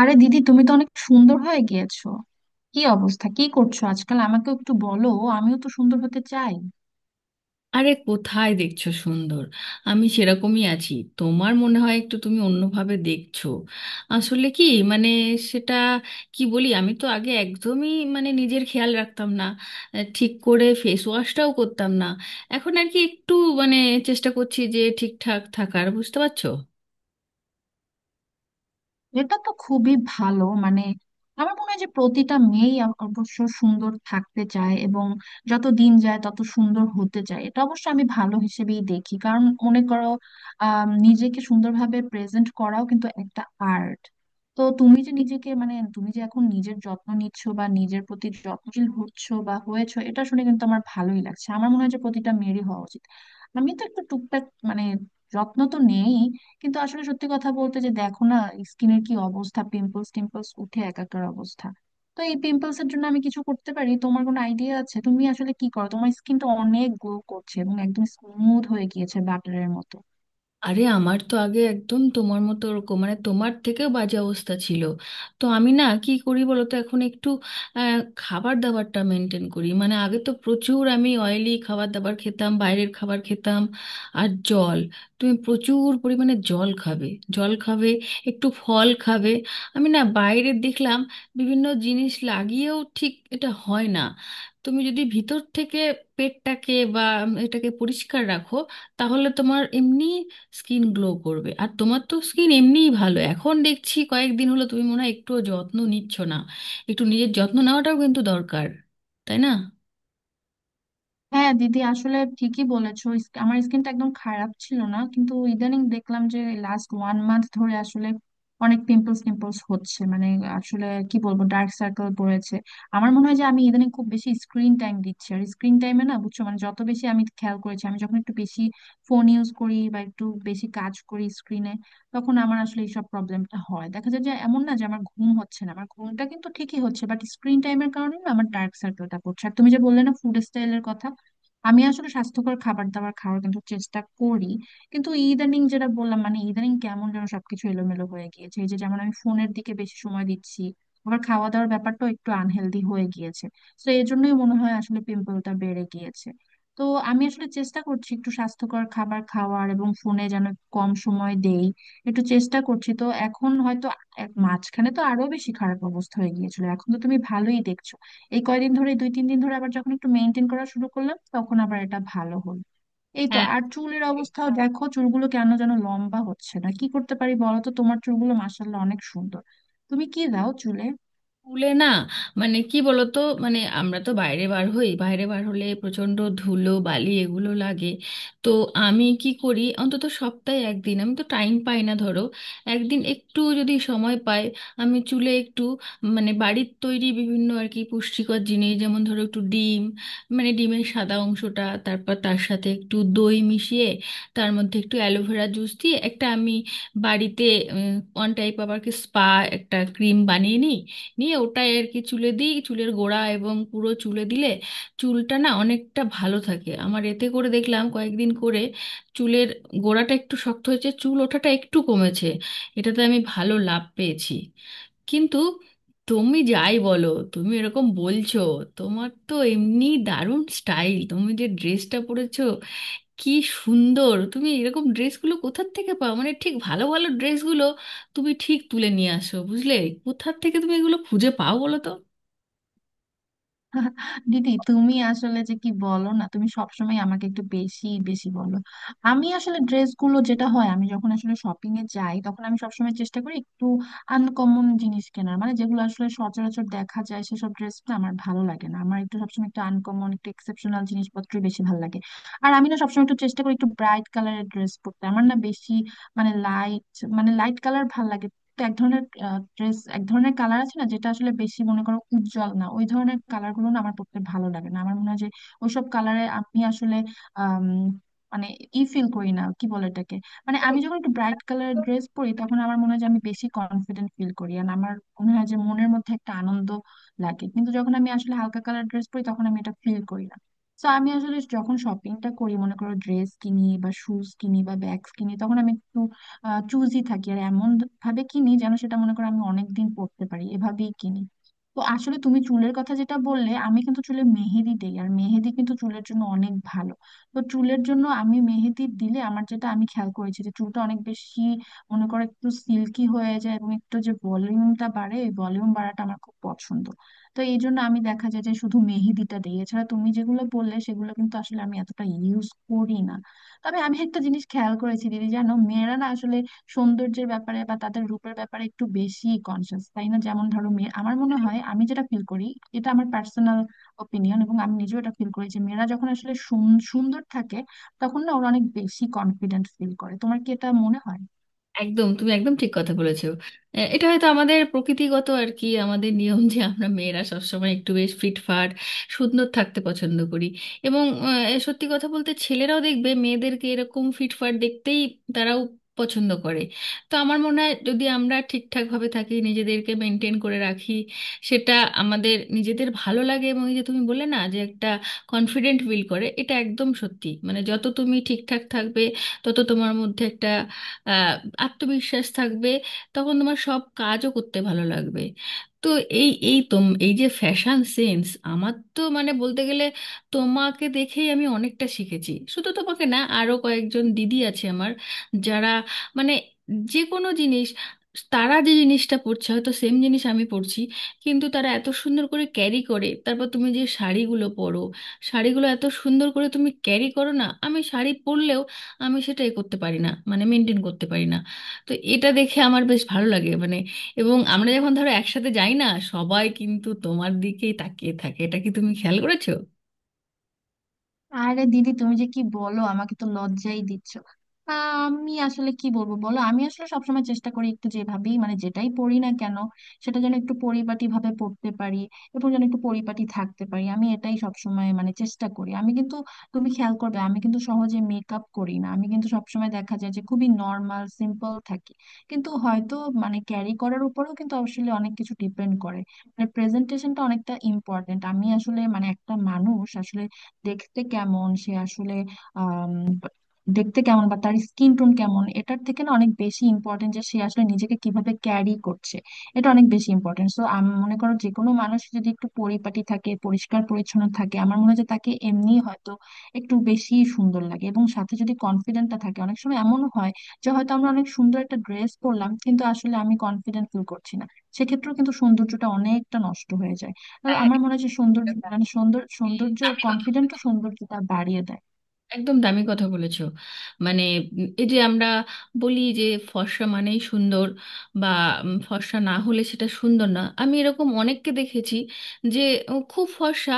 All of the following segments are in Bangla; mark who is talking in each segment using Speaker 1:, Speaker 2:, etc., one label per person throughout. Speaker 1: আরে দিদি, তুমি তো অনেক সুন্দর হয়ে গিয়েছো। কি অবস্থা, কি করছো আজকাল? আমাকেও একটু বলো, আমিও তো সুন্দর হতে চাই।
Speaker 2: আরে কোথায় দেখছো সুন্দর? আমি সেরকমই আছি। তোমার মনে হয় একটু তুমি অন্যভাবে দেখছো। আসলে কি, মানে, সেটা কি বলি, আমি তো আগে একদমই মানে নিজের খেয়াল রাখতাম না, ঠিক করে ফেস ওয়াশটাও করতাম না। এখন আর কি একটু মানে চেষ্টা করছি যে ঠিকঠাক থাকার, বুঝতে পারছো?
Speaker 1: এটা তো খুবই ভালো। মানে আমার মনে হয় যে প্রতিটা মেয়েই অবশ্য সুন্দর থাকতে চায়, এবং যত দিন যায় তত সুন্দর হতে চায়। এটা অবশ্য আমি ভালো হিসেবেই দেখি, কারণ মনে করো নিজেকে সুন্দরভাবে প্রেজেন্ট করাও কিন্তু একটা আর্ট। তো তুমি যে নিজেকে, মানে তুমি যে এখন নিজের যত্ন নিচ্ছ বা নিজের প্রতি যত্নশীল হচ্ছ বা হয়েছো, এটা শুনে কিন্তু আমার ভালোই লাগছে। আমার মনে হয় যে প্রতিটা মেয়েরই হওয়া উচিত। আমি তো একটু টুকটাক মানে যত্ন তো নেই, কিন্তু আসলে সত্যি কথা বলতে যে দেখো না, স্কিনের কি অবস্থা, পিম্পলস টিম্পলস উঠে একাকার অবস্থা। তো এই পিম্পলস এর জন্য আমি কিছু করতে পারি? তোমার কোনো আইডিয়া আছে? তুমি আসলে কি করো? তোমার স্কিনটা অনেক গ্লো করছে এবং একদম স্মুথ হয়ে গিয়েছে বাটারের মতো।
Speaker 2: আরে আমার তো আগে একদম তোমার মতো ওরকম মানে তোমার থেকেও বাজে অবস্থা ছিল। তো আমি না কি করি বলো তো, এখন একটু খাবার দাবারটা মেনটেন করি। মানে আগে তো প্রচুর আমি অয়েলি খাবার দাবার খেতাম, বাইরের খাবার খেতাম। আর জল, তুমি প্রচুর পরিমাণে জল খাবে, জল খাবে, একটু ফল খাবে। আমি না বাইরে দেখলাম বিভিন্ন জিনিস লাগিয়েও ঠিক এটা হয় না। তুমি যদি ভিতর থেকে পেটটাকে বা এটাকে পরিষ্কার রাখো, তাহলে তোমার এমনি স্কিন গ্লো করবে। আর তোমার তো স্কিন এমনিই ভালো, এখন দেখছি কয়েকদিন হলো তুমি মনে হয় একটুও যত্ন নিচ্ছ না। একটু নিজের যত্ন নেওয়াটাও কিন্তু দরকার, তাই না?
Speaker 1: হ্যাঁ দিদি, আসলে ঠিকই বলেছো। আমার স্কিনটা একদম খারাপ ছিল না, কিন্তু ইদানিং দেখলাম যে লাস্ট ওয়ান মান্থ ধরে আসলে অনেক পিম্পলস টিম্পলস হচ্ছে। মানে আসলে কি বলবো, ডার্ক সার্কেল পড়েছে। আমার মনে হয় যে আমি ইদানিং খুব বেশি স্ক্রিন টাইম দিচ্ছি, আর স্ক্রিন টাইমে না, বুঝছো, মানে যত বেশি আমি খেয়াল করেছি, আমি যখন একটু বেশি ফোন ইউজ করি বা একটু বেশি কাজ করি স্ক্রিনে, তখন আমার আসলে এইসব প্রবলেমটা হয়, দেখা যায় যে এমন না যে আমার ঘুম হচ্ছে না, আমার ঘুমটা কিন্তু ঠিকই হচ্ছে, বাট স্ক্রিন টাইমের কারণে না আমার ডার্ক সার্কেলটা পড়ছে। আর তুমি যে বললে না ফুড স্টাইলের কথা, আমি আসলে স্বাস্থ্যকর খাবার দাবার খাওয়ার কিন্তু চেষ্টা করি, কিন্তু ইদানিং যেটা বললাম, মানে ইদানিং কেমন যেন সবকিছু এলোমেলো হয়ে গিয়েছে। এই যে যেমন আমি ফোনের দিকে বেশি সময় দিচ্ছি, আবার খাওয়া দাওয়ার ব্যাপারটাও একটু আনহেলদি হয়ে গিয়েছে, তো এই জন্যই মনে হয় আসলে পিম্পলটা বেড়ে গিয়েছে। তো আমি আসলে চেষ্টা করছি একটু স্বাস্থ্যকর খাবার খাওয়ার এবং ফোনে যেন কম সময় দেই। একটু চেষ্টা করছি, তো এখন হয়তো মাঝখানে তো আরো বেশি খারাপ অবস্থা হয়ে গিয়েছিল, এখন তো তুমি ভালোই দেখছো। এই কয়দিন ধরে, দুই তিন দিন ধরে আবার যখন একটু মেনটেন করা শুরু করলাম তখন আবার এটা ভালো হলো। এই তো।
Speaker 2: হ্যাঁ,
Speaker 1: আর চুলের অবস্থাও দেখো, চুলগুলো কেন যেন লম্বা হচ্ছে না, কি করতে পারি বলো তো? তোমার চুলগুলো মাশাআল্লাহ অনেক সুন্দর, তুমি কি দাও চুলে?
Speaker 2: স্কুলে না, মানে কি বলতো, মানে আমরা তো বাইরে বার হই, বাইরে বার হলে প্রচণ্ড ধুলো বালি এগুলো লাগে। তো আমি কি করি, অন্তত সপ্তাহে একদিন, আমি তো টাইম পাই না, ধরো একদিন একটু যদি সময় পাই, আমি চুলে একটু মানে বাড়ির তৈরি বিভিন্ন আর কি পুষ্টিকর জিনিস, যেমন ধরো একটু ডিম, মানে ডিমের সাদা অংশটা, তারপর তার সাথে একটু দই মিশিয়ে, তার মধ্যে একটু অ্যালোভেরা জুস দিয়ে একটা আমি বাড়িতে ওয়ান টাইপ আবার কি স্পা, একটা ক্রিম বানিয়ে নিই। নিয়ে ওটা আর কি চুলে দিই, চুলের গোড়া এবং পুরো চুলে দিলে চুলটা না অনেকটা ভালো থাকে আমার। এতে করে দেখলাম কয়েকদিন করে চুলের গোড়াটা একটু শক্ত হয়েছে, চুল ওঠাটা একটু কমেছে, এটাতে আমি ভালো লাভ পেয়েছি। কিন্তু তুমি যাই বলো, তুমি এরকম বলছো, তোমার তো এমনি দারুণ স্টাইল। তুমি যে ড্রেসটা পরেছো কি সুন্দর! তুমি এরকম ড্রেসগুলো কোথার থেকে পাও, মানে ঠিক ভালো ভালো ড্রেসগুলো তুমি ঠিক তুলে নিয়ে আসো বুঝলে। কোথার থেকে তুমি এগুলো খুঁজে পাও বলো তো?
Speaker 1: দিদি তুমি আসলে যে কি বলো না, তুমি সবসময় আমাকে একটু বেশি বেশি বলো। আমি আসলে ড্রেসগুলো যেটা হয়, আমি যখন আসলে শপিং এ যাই তখন আমি সবসময় চেষ্টা করি একটু আনকমন জিনিস কেনার, মানে যেগুলো আসলে সচরাচর দেখা যায় সেসব ড্রেস না আমার ভালো লাগে না, আমার একটু সবসময় একটু আনকমন একটু এক্সেপশনাল জিনিসপত্রই বেশি ভালো লাগে। আর আমি না সবসময় একটু চেষ্টা করি একটু ব্রাইট কালারের ড্রেস পরতে, আমার না বেশি মানে লাইট মানে লাইট কালার ভালো লাগে না। তো এক ধরনের ড্রেস, এক ধরনের কালার আছে না, যেটা আসলে বেশি মনে করো উজ্জ্বল না, ওই ধরনের কালার গুলো না আমার পড়তে ভালো লাগে না। আমার মনে হয় যে ওইসব কালারে আমি আসলে আম, মানে ই ফিল করি না, কি বলে এটাকে, মানে আমি যখন একটু ব্রাইট কালারের ড্রেস পরি তখন আমার মনে হয় যে আমি বেশি কনফিডেন্ট ফিল করি, আর আমার মনে হয় যে মনের মধ্যে একটা আনন্দ লাগে। কিন্তু যখন আমি আসলে হালকা কালার ড্রেস পরি তখন আমি এটা ফিল করি না। তো আমি আসলে যখন শপিংটা করি, মনে করো ড্রেস কিনি বা শুজ কিনি বা ব্যাগস কিনি, তখন আমি একটু চুজই থাকি, আর এমন ভাবে কিনি যেন সেটা, মনে করো, আমি অনেকদিন পরতে পারি, এভাবেই কিনি। তো আসলে তুমি চুলের কথা যেটা বললে, আমি কিন্তু চুলে মেহেদি দেই, আর মেহেদি কিন্তু চুলের জন্য অনেক ভালো। তো চুলের জন্য আমি মেহেদি দিলে আমার যেটা আমি খেয়াল করেছি যে চুলটা অনেক বেশি, মনে করো, একটু সিল্কি হয়ে যায় এবং একটু যে ভলিউমটা বাড়ে, এই ভলিউম বাড়াটা আমার খুব পছন্দ। তো এই জন্য আমি, দেখা যায় যে, শুধু মেহেদিটা দিই, এছাড়া তুমি যেগুলো বললে সেগুলো কিন্তু আসলে আমি এতটা ইউজ করি না। তবে আমি একটা জিনিস খেয়াল করেছি দিদি জানো, মেয়েরা না আসলে সৌন্দর্যের ব্যাপারে বা তাদের রূপের ব্যাপারে একটু বেশি কনসিয়াস, তাই না? যেমন ধরো মেয়ে, আমার মনে হয়, আমি যেটা ফিল করি এটা আমার পার্সোনাল ওপিনিয়ন, এবং আমি নিজেও এটা ফিল করি যে মেয়েরা যখন আসলে সুন্দর থাকে তখন না ওরা অনেক বেশি কনফিডেন্ট ফিল করে। তোমার কি এটা মনে হয়?
Speaker 2: একদম, তুমি একদম ঠিক কথা বলেছো। এটা হয়তো আমাদের প্রকৃতিগত আর কি, আমাদের নিয়ম যে আমরা মেয়েরা সবসময় একটু বেশ ফিটফাট সুন্দর থাকতে পছন্দ করি। এবং সত্যি কথা বলতে, ছেলেরাও দেখবে মেয়েদেরকে এরকম ফিটফাট দেখতেই তারাও পছন্দ করে। তো আমার মনে হয় যদি আমরা ঠিকঠাকভাবে থাকি, নিজেদেরকে মেনটেন করে রাখি, সেটা আমাদের নিজেদের ভালো লাগে। এবং ওই যে তুমি বললে না যে একটা কনফিডেন্ট ফিল করে, এটা একদম সত্যি। মানে যত তুমি ঠিকঠাক থাকবে, তত তোমার মধ্যে একটা আহ, আত্মবিশ্বাস থাকবে, তখন তোমার সব কাজও করতে ভালো লাগবে। তো এই এই তোম, এই যে ফ্যাশন সেন্স, আমার তো মানে বলতে গেলে তোমাকে দেখেই আমি অনেকটা শিখেছি। শুধু তোমাকে না, আরও কয়েকজন দিদি আছে আমার, যারা মানে যে কোনো জিনিস, তারা যে জিনিসটা পরছে হয়তো সেম জিনিস আমি পরছি, কিন্তু তারা এত সুন্দর করে ক্যারি করে। তারপর তুমি যে শাড়িগুলো পরো, শাড়িগুলো এত সুন্দর করে তুমি ক্যারি করো না, আমি শাড়ি পরলেও আমি সেটাই করতে পারি না, মানে মেনটেন করতে পারি না। তো এটা দেখে আমার বেশ ভালো লাগে মানে। এবং আমরা যখন ধরো একসাথে যাই না, সবাই কিন্তু তোমার দিকেই তাকিয়ে থাকে, এটা কি তুমি খেয়াল করেছো?
Speaker 1: আরে দিদি তুমি যে কি বলো, আমাকে তো লজ্জাই দিচ্ছ। আমি আসলে কি বলবো বলো, আমি আসলে সবসময় চেষ্টা করি একটু যেভাবেই, মানে যেটাই পড়ি না কেন সেটা যেন একটু পরিপাটি ভাবে পড়তে পারি এবং যেন একটু পরিপাটি থাকতে পারি, আমি এটাই সবসময় মানে চেষ্টা করি। আমি কিন্তু, তুমি খেয়াল করবে, আমি কিন্তু সহজে মেকআপ করি না, আমি কিন্তু সবসময় দেখা যায় যে খুবই নর্মাল সিম্পল থাকি। কিন্তু হয়তো, মানে, ক্যারি করার উপরেও কিন্তু আসলে অনেক কিছু ডিপেন্ড করে। মানে প্রেজেন্টেশনটা অনেকটা ইম্পর্টেন্ট। আমি আসলে মানে একটা মানুষ আসলে দেখতে কেমন, সে আসলে আহ দেখতে কেমন বা তার স্কিন টোন কেমন, এটার থেকে না অনেক বেশি ইম্পর্টেন্ট যে সে আসলে নিজেকে কিভাবে ক্যারি করছে, এটা অনেক বেশি ইম্পর্টেন্ট। সো আমি মনে করো যে কোনো মানুষ যদি একটু পরিপাটি থাকে, পরিষ্কার পরিচ্ছন্ন থাকে, আমার মনে হয় যে তাকে এমনি হয়তো একটু বেশি সুন্দর লাগে। এবং সাথে যদি কনফিডেন্টটা থাকে, অনেক সময় এমনও হয় যে হয়তো আমরা অনেক সুন্দর একটা ড্রেস পরলাম কিন্তু আসলে আমি কনফিডেন্ট ফিল করছি না, সেক্ষেত্রেও কিন্তু সৌন্দর্যটা অনেকটা নষ্ট হয়ে যায়। তো
Speaker 2: হ্যাঁ,
Speaker 1: আমার
Speaker 2: একটা,
Speaker 1: মনে হয় যে সৌন্দর্য, মানে সৌন্দর্য
Speaker 2: আপনি দারুণ কথা
Speaker 1: কনফিডেন্ট
Speaker 2: বলেছেন।
Speaker 1: সৌন্দর্যটা বাড়িয়ে দেয়।
Speaker 2: একদম দামি কথা বলেছো মানে। এই যে আমরা বলি যে ফর্সা মানেই সুন্দর, বা ফর্সা না হলে সেটা সুন্দর না, আমি এরকম অনেককে দেখেছি যে খুব ফর্সা,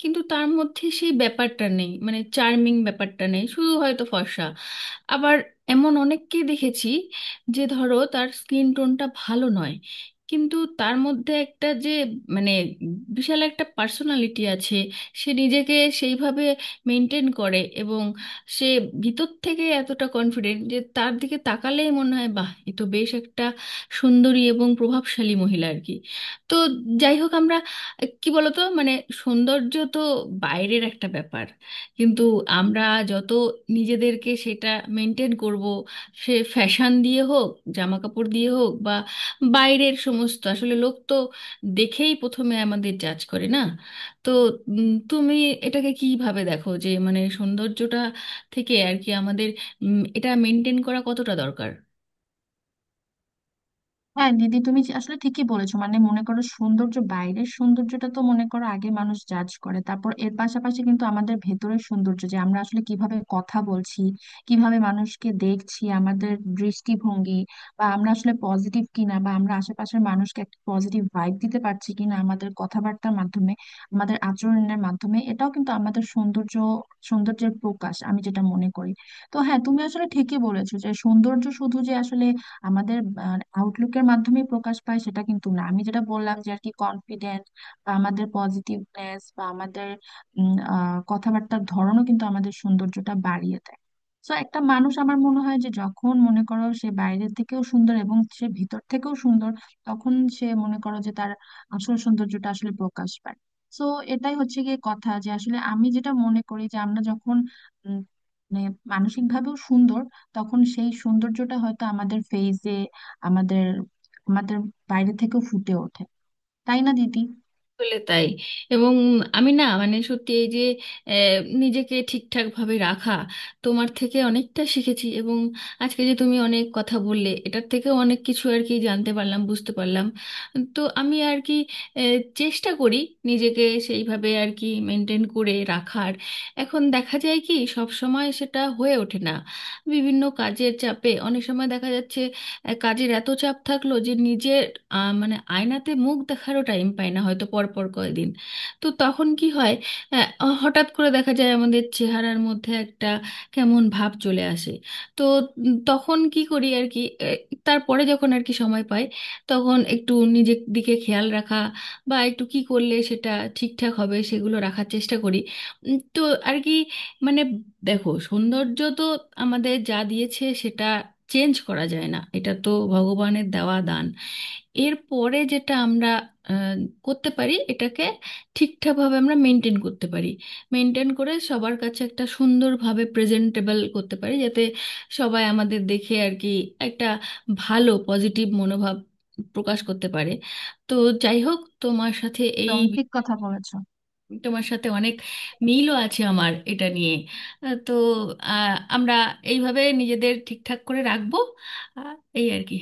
Speaker 2: কিন্তু তার মধ্যে সেই ব্যাপারটা নেই, মানে চার্মিং ব্যাপারটা নেই, শুধু হয়তো ফর্সা। আবার এমন অনেককেই দেখেছি যে ধরো তার স্কিন টোনটা ভালো নয়, কিন্তু তার মধ্যে একটা যে মানে বিশাল একটা পার্সোনালিটি আছে, সে নিজেকে সেইভাবে মেনটেন করে, এবং সে ভিতর থেকে এতটা কনফিডেন্ট যে তার দিকে তাকালেই মনে হয়, বাহ, এ তো বেশ একটা সুন্দরী এবং প্রভাবশালী মহিলা আর কি। তো যাই হোক, আমরা কি বলতো মানে, সৌন্দর্য তো বাইরের একটা ব্যাপার, কিন্তু আমরা যত নিজেদেরকে সেটা মেনটেন করব, সে ফ্যাশন দিয়ে হোক, জামা কাপড় দিয়ে হোক, বা বাইরের সমস্ত আসলে লোক তো দেখেই প্রথমে আমাদের জাজ করে না। তো তুমি এটাকে কিভাবে দেখো, যে মানে সৌন্দর্যটা থেকে আর কি আমাদের এটা মেনটেন করা কতটা দরকার?
Speaker 1: হ্যাঁ দিদি, আসলে ঠিকই বলেছো, মানে মনে করো সৌন্দর্য, বাইরের সৌন্দর্যটা তো, মনে করো, আগে মানুষ জাজ করে, তারপর এর পাশাপাশি কিন্তু আমাদের ভেতরের সৌন্দর্য, যে আমরা আসলে কিভাবে কথা বলছি, কিভাবে মানুষকে দেখছি, আমাদের দৃষ্টিভঙ্গি, বা আমরা আসলে পজিটিভ কিনা, বা আমরা আশেপাশের মানুষকে একটা পজিটিভ ভাইব দিতে পারছি কিনা আমাদের কথাবার্তার মাধ্যমে, আমাদের আচরণের মাধ্যমে, এটাও কিন্তু আমাদের সৌন্দর্য, সৌন্দর্যের প্রকাশ, আমি যেটা মনে করি। তো হ্যাঁ, তুমি আসলে ঠিকই বলেছো যে সৌন্দর্য শুধু যে আসলে আমাদের আউটলুকের মাধ্যমে প্রকাশ পায় সেটা কিন্তু না, আমি যেটা বললাম যে আর কি, কনফিডেন্ট বা আমাদের পজিটিভনেস বা আমাদের কথাবার্তার ধরনও কিন্তু আমাদের সৌন্দর্যটা বাড়িয়ে দেয়। তো একটা মানুষ, আমার মনে হয় যে, যখন মনে করো সে বাইরের থেকেও সুন্দর এবং সে ভিতর থেকেও সুন্দর, তখন সে, মনে করো যে, তার আসল সৌন্দর্যটা আসলে প্রকাশ পায়। তো এটাই হচ্ছে গিয়ে কথা যে আসলে আমি যেটা মনে করি যে আমরা যখন উম, মানে মানসিক ভাবেও সুন্দর, তখন সেই সৌন্দর্যটা হয়তো আমাদের ফেইসে, আমাদের আমাদের বাইরে থেকেও ফুটে ওঠে, তাই না দিদি?
Speaker 2: আসলে তাই। এবং আমি না মানে সত্যি, এই যে আহ, নিজেকে ঠিকঠাক ভাবে রাখা, তোমার থেকে অনেকটা শিখেছি। এবং আজকে যে তুমি অনেক কথা বললে, এটার থেকেও অনেক কিছু আর কি জানতে পারলাম, বুঝতে পারলাম। তো আমি আর কি চেষ্টা করি নিজেকে সেইভাবে আর কি মেনটেন করে রাখার। এখন দেখা যায় কি, সব সময় সেটা হয়ে ওঠে না, বিভিন্ন কাজের চাপে অনেক সময় দেখা যাচ্ছে কাজের এত চাপ থাকলো যে নিজের মানে আয়নাতে মুখ দেখারও টাইম পাই না হয়তো পরপর কয়েকদিন। তো তখন কি হয়, হঠাৎ করে দেখা যায় আমাদের চেহারার মধ্যে একটা কেমন ভাব চলে আসে। তো তখন কি করি আর কি, তারপরে যখন আর কি সময় পাই, তখন একটু নিজের দিকে খেয়াল রাখা, বা একটু কি করলে সেটা ঠিকঠাক হবে সেগুলো রাখার চেষ্টা করি। তো আর কি মানে, দেখো সৌন্দর্য তো আমাদের যা দিয়েছে সেটা চেঞ্জ করা যায় না, এটা তো ভগবানের দেওয়া দান। এরপরে যেটা আমরা আহ, করতে পারি, এটাকে ঠিকঠাকভাবে আমরা মেনটেন করতে পারি, মেনটেন করে সবার কাছে একটা সুন্দরভাবে প্রেজেন্টেবল করতে পারি, যাতে সবাই আমাদের দেখে আর কি একটা ভালো পজিটিভ মনোভাব প্রকাশ করতে পারে। তো যাই হোক,
Speaker 1: একদম ঠিক কথা বলেছ।
Speaker 2: তোমার সাথে অনেক মিলও আছে আমার এটা নিয়ে। তো আমরা এইভাবে নিজেদের ঠিকঠাক করে রাখবো। আহ, এই আর কি।